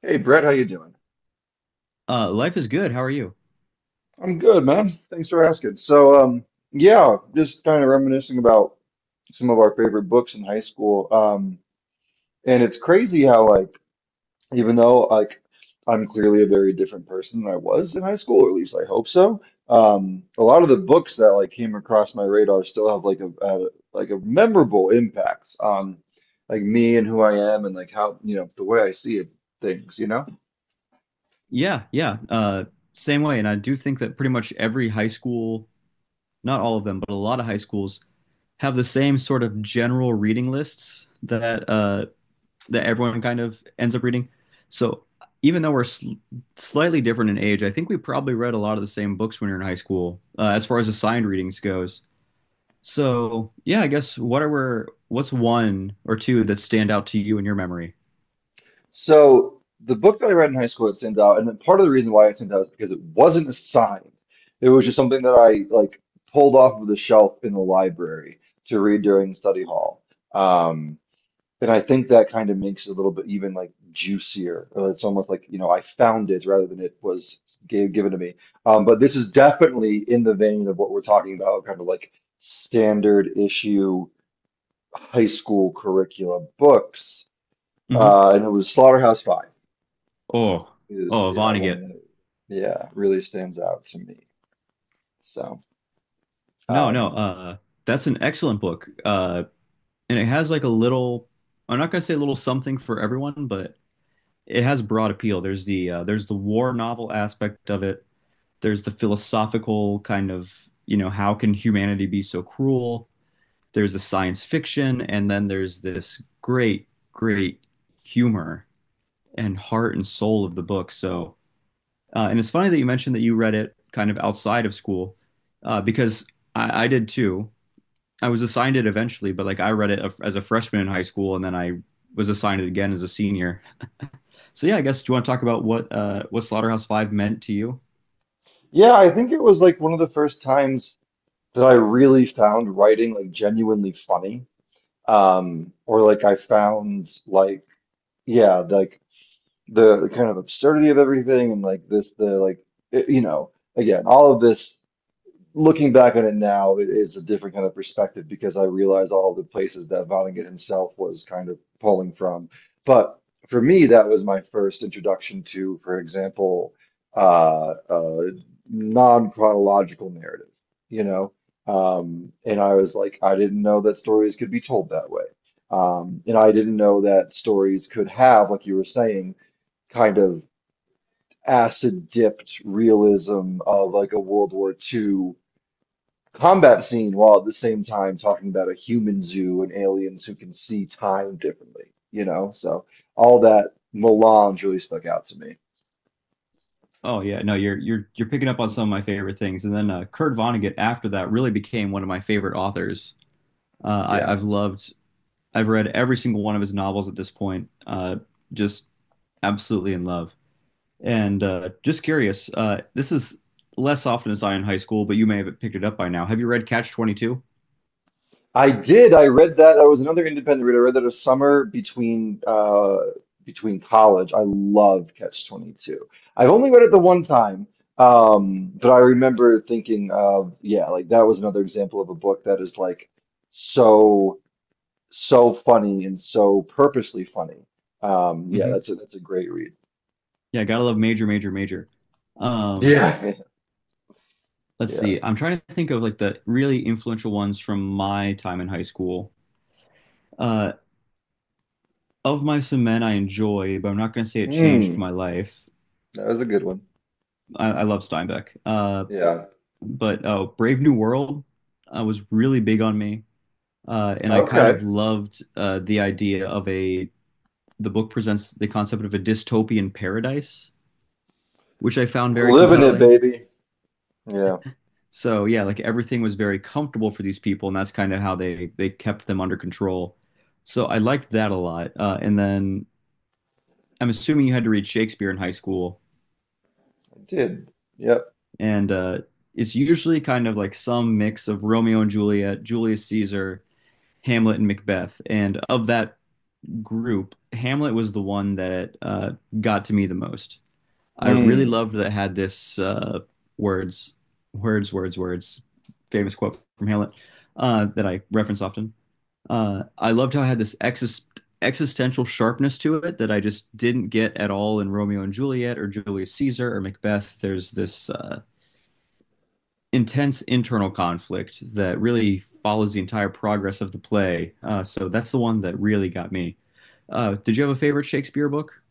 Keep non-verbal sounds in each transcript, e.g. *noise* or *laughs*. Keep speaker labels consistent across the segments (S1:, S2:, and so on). S1: Hey Brett, how you doing?
S2: Life is good. How are you?
S1: I'm good, man. Thanks for asking. Yeah, just kind of reminiscing about some of our favorite books in high school. And it's crazy how like even though like I'm clearly a very different person than I was in high school, or at least I hope so. A lot of the books that like came across my radar still have like a memorable impact on like me and who I am and like how, you know, the way I see things, you know?
S2: Yeah, yeah. Same way. And I do think that pretty much every high school, not all of them, but a lot of high schools have the same sort of general reading lists that that everyone kind of ends up reading. So even though we're sl slightly different in age, I think we probably read a lot of the same books when we were in high school, as far as assigned readings goes. So yeah, I guess what's one or two that stand out to you in your memory?
S1: So the book that I read in high school, it sent out, and then part of the reason why it sent out is because it wasn't assigned. It was just something that I like pulled off of the shelf in the library to read during study hall. Um, and I think that kind of makes it a little bit even like juicier. It's almost like, you know, I found it rather than it was given to me. But this is definitely in the vein of what we're talking about, kind of like standard issue high school curriculum books.
S2: hmm
S1: And it was Slaughterhouse-Five
S2: Oh,
S1: is,
S2: oh,
S1: yeah, one
S2: Vonnegut.
S1: that yeah really stands out to me. So
S2: No, no,
S1: um
S2: that's an excellent book. And it has like a little, I'm not gonna say a little something for everyone, but it has broad appeal. There's the war novel aspect of it. There's the philosophical how can humanity be so cruel? There's the science fiction, and then there's this great humor and heart and soul of the book. So, and it's funny that you mentioned that you read it kind of outside of school, because I did too. I was assigned it eventually, but like I read it as a freshman in high school, and then I was assigned it again as a senior. *laughs* So yeah, I guess do you want to talk about what Slaughterhouse Five meant to you?
S1: yeah, I think it was like one of the first times that I really found writing like genuinely funny. Or like I found like yeah, like the kind of absurdity of everything and like this the like it- you know again, all of this, looking back on it now, it is a different kind of perspective because I realize all the places that Vonnegut himself was kind of pulling from. But for me, that was my first introduction to, for example, uh, uh, non-chronological narrative, you know? And I was like, I didn't know that stories could be told that way. And I didn't know that stories could have, like you were saying, kind of acid-dipped realism of like a World War II combat scene while at the same time talking about a human zoo and aliens who can see time differently, you know? So all that melange really stuck out to me.
S2: Oh yeah, no, you're picking up on some of my favorite things, and then Kurt Vonnegut after that really became one of my favorite authors. Uh, I,
S1: Yeah.
S2: I've loved, I've read every single one of his novels at this point. Just absolutely in love. And just curious, this is less often as I in high school, but you may have picked it up by now. Have you read Catch 22?
S1: I did. I read that. I was another independent reader. I read that a summer between between college. I loved Catch 22. I've only read it the one time. But I remember thinking of, yeah, like that was another example of a book that is like so so funny and so purposely funny. Yeah,
S2: hmm
S1: that's a great read.
S2: Yeah, gotta love Major, Major, Major. Um,
S1: Yeah,
S2: let's
S1: *laughs* yeah.
S2: see. I'm trying to think of like the really influential ones from my time in high school. Uh, Of my and Men, I enjoy, but I'm not gonna say it changed
S1: Mm,
S2: my life.
S1: that was a good one.
S2: I love Steinbeck. Uh,
S1: Yeah.
S2: but uh, Brave New World was really big on me, and I kind of
S1: Okay.
S2: loved the idea of a. The book presents the concept of a dystopian paradise, which I found
S1: We're
S2: very
S1: living it,
S2: compelling.
S1: baby. Yeah,
S2: So yeah, like everything was very comfortable for these people, and that's kind of how they kept them under control. So I liked that a lot. And then I'm assuming you had to read Shakespeare in high school,
S1: I did. Yep.
S2: and it's usually kind of like some mix of Romeo and Juliet, Julius Caesar, Hamlet and Macbeth. And of that group, Hamlet was the one that got to me the most. I really
S1: Mm.
S2: loved that it had this "words, words, words, words," famous quote from Hamlet that I reference often. I loved how it had this existential sharpness to it that I just didn't get at all in Romeo and Juliet or Julius Caesar or Macbeth. There's this intense internal conflict that really follows the entire progress of the play. So that's the one that really got me. Did you have a favorite Shakespeare book?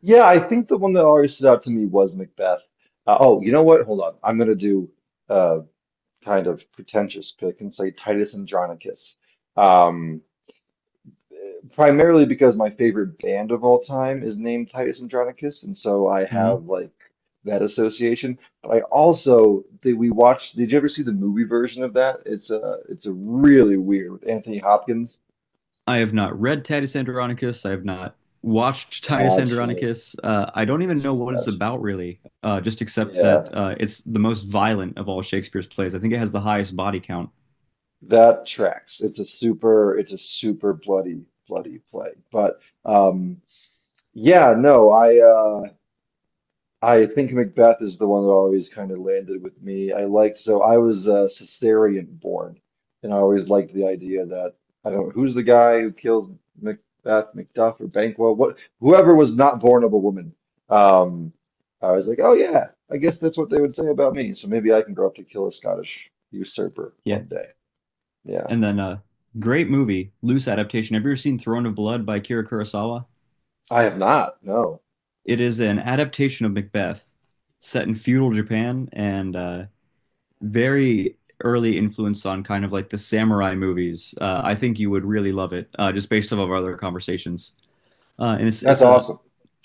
S1: Yeah, I think the one that always stood out to me was Macbeth. Oh, you know what? Hold on. I'm gonna do a kind of pretentious pick and say Titus Andronicus. Um, Primarily because my favorite band of all time is named Titus Andronicus, and so I
S2: Mhm.
S1: have like that association. But I also did we watched, did you ever see the movie version of that? It's a really weird with Anthony Hopkins.
S2: I have not read Titus Andronicus. I have not watched *laughs* Titus
S1: Gotcha,
S2: Andronicus. I don't even
S1: gotcha,
S2: know what it's
S1: gotcha.
S2: about really, just except that
S1: Yeah,
S2: it's the most violent of all Shakespeare's plays. I think it has the highest body count.
S1: that tracks. It's a super bloody, bloody play. But yeah, no, I think Macbeth is the one that always kind of landed with me. I liked, so I was Caesarean born, and I always liked the idea that I don't who's the guy who killed Macbeth, Macduff, or Banquo, what whoever was not born of a woman. Um, I was like, oh yeah, I guess that's what they would say about me. So maybe I can grow up to kill a Scottish usurper one
S2: Yeah.
S1: day. Yeah,
S2: And then a great movie, loose adaptation. Have you ever seen Throne of Blood by Akira Kurosawa?
S1: I have not. No,
S2: It is an adaptation of Macbeth, set in feudal Japan and very early influence on kind of like the samurai movies. I think you would really love it, just based off of our other conversations. And
S1: that's
S2: it's a
S1: awesome.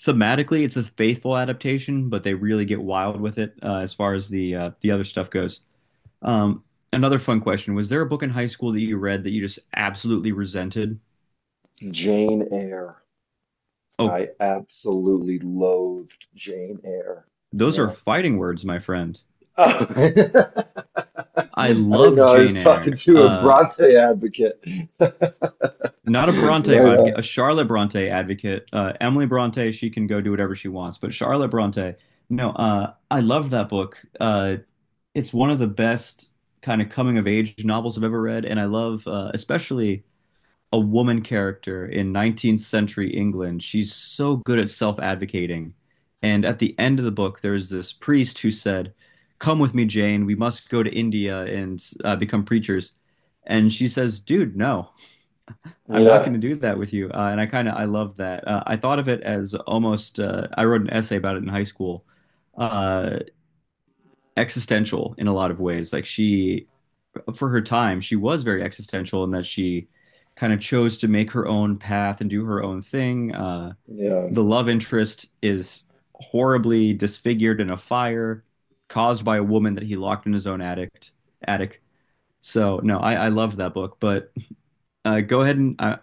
S2: Thematically it's a faithful adaptation, but they really get wild with it as far as the other stuff goes. Um, Another fun question: was there a book in high school that you read that you just absolutely resented?
S1: Jane Eyre. I
S2: Oh,
S1: absolutely loathed Jane Eyre.
S2: those are
S1: Yeah.
S2: fighting words, my friend.
S1: Oh, *laughs* I
S2: I
S1: didn't know
S2: loved
S1: I
S2: Jane
S1: was talking
S2: Eyre.
S1: to a Bronte advocate. *laughs*
S2: Not a Bronte
S1: Right
S2: advocate,
S1: on.
S2: a Charlotte Bronte advocate. Emily Bronte, she can go do whatever she wants, but Charlotte Bronte, no, I love that book. It's one of the best kind of coming of age novels I've ever read, and I love especially a woman character in 19th century England. She's so good at self-advocating. And at the end of the book, there's this priest who said, "Come with me, Jane. We must go to India and become preachers." And she says, "Dude, no. I'm not going
S1: Yeah.
S2: to do that with you." And I kind of I love that. I thought of it as almost I wrote an essay about it in high school. Uh, Existential in a lot of ways. For her time, she was very existential in that she kind of chose to make her own path and do her own thing.
S1: Yeah.
S2: The love interest is horribly disfigured in a fire caused by a woman that he locked in his own attic. Attic. So no, I love that book. But go ahead and I,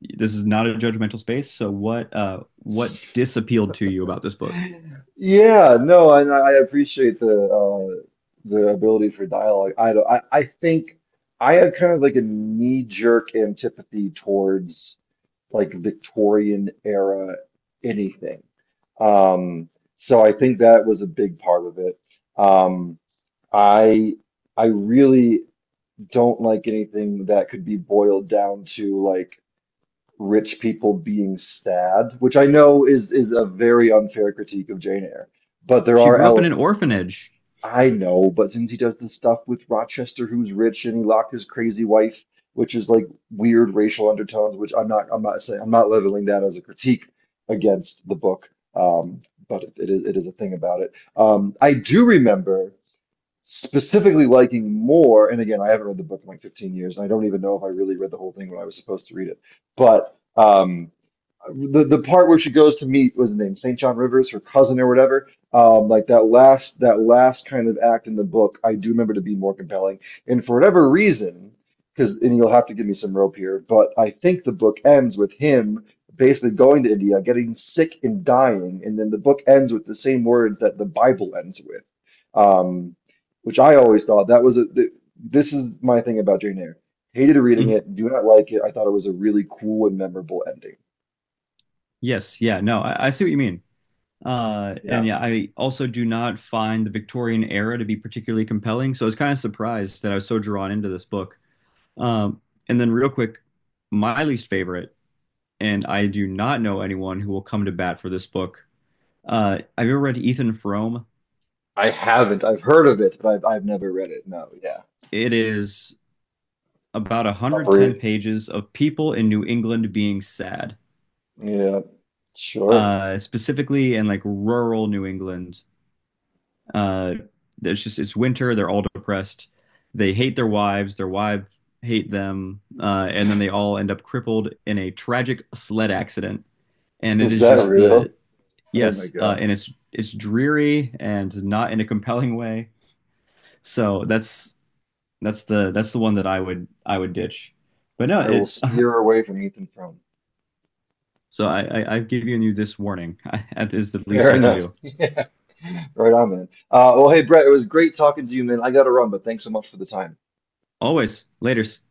S2: this is not a judgmental space. So what disappealed to you about this book?
S1: Yeah, no, and I appreciate the ability for dialogue. I don't I think I have kind of like a knee-jerk antipathy towards like Victorian era anything. Um, so I think that was a big part of it. Um, I I really don't like anything that could be boiled down to like rich people being sad, which I know is a very unfair critique of Jane Eyre, but there
S2: She
S1: are
S2: grew up in an
S1: elements of that.
S2: orphanage.
S1: I know, but since he does this stuff with Rochester, who's rich, and he locked his crazy wife, which is like weird racial undertones, which I'm not saying, I'm not leveling that as a critique against the book, um, but it is a thing about it. I do remember specifically liking more, and again, I haven't read the book in like 15 years, and I don't even know if I really read the whole thing when I was supposed to read it. But the part where she goes to meet was the name St. John Rivers, her cousin or whatever. Like that last kind of act in the book, I do remember to be more compelling. And for whatever reason, because and you'll have to give me some rope here, but I think the book ends with him basically going to India, getting sick and dying, and then the book ends with the same words that the Bible ends with, um, which I always thought that was this is my thing about Jane Eyre. Hated reading
S2: Mhm.
S1: it, do not like it. I thought it was a really cool and memorable ending.
S2: Yes, yeah, no, I see what you mean. And
S1: Yeah.
S2: yeah, I also do not find the Victorian era to be particularly compelling. So I was kind of surprised that I was so drawn into this book. Um, and then real quick, my least favorite, and I do not know anyone who will come to bat for this book. Have you ever read Ethan Frome?
S1: I haven't. I've heard of it, but I've never read it. No, yeah.
S2: It is about
S1: Top
S2: 110
S1: read.
S2: pages of people in New England being sad,
S1: Yeah, sure.
S2: specifically in like rural New England. Uh, it's winter. They're all depressed. They hate their wives. Their wives hate them, and then they all end up crippled in a tragic sled accident. And it
S1: Is
S2: is
S1: that
S2: just
S1: real?
S2: the
S1: Oh my
S2: Yes,
S1: God.
S2: and it's dreary and not in a compelling way. So that's the one that I would ditch. But no,
S1: I will
S2: it
S1: steer
S2: *laughs*
S1: away from Ethan Frome.
S2: So I've given you this warning. *laughs* That is the least
S1: Fair
S2: I can
S1: enough.
S2: do.
S1: *laughs* Yeah. Right on, man. Well, hey, Brett, it was great talking to you, man. I gotta run, but thanks so much for the time.
S2: Always, laters.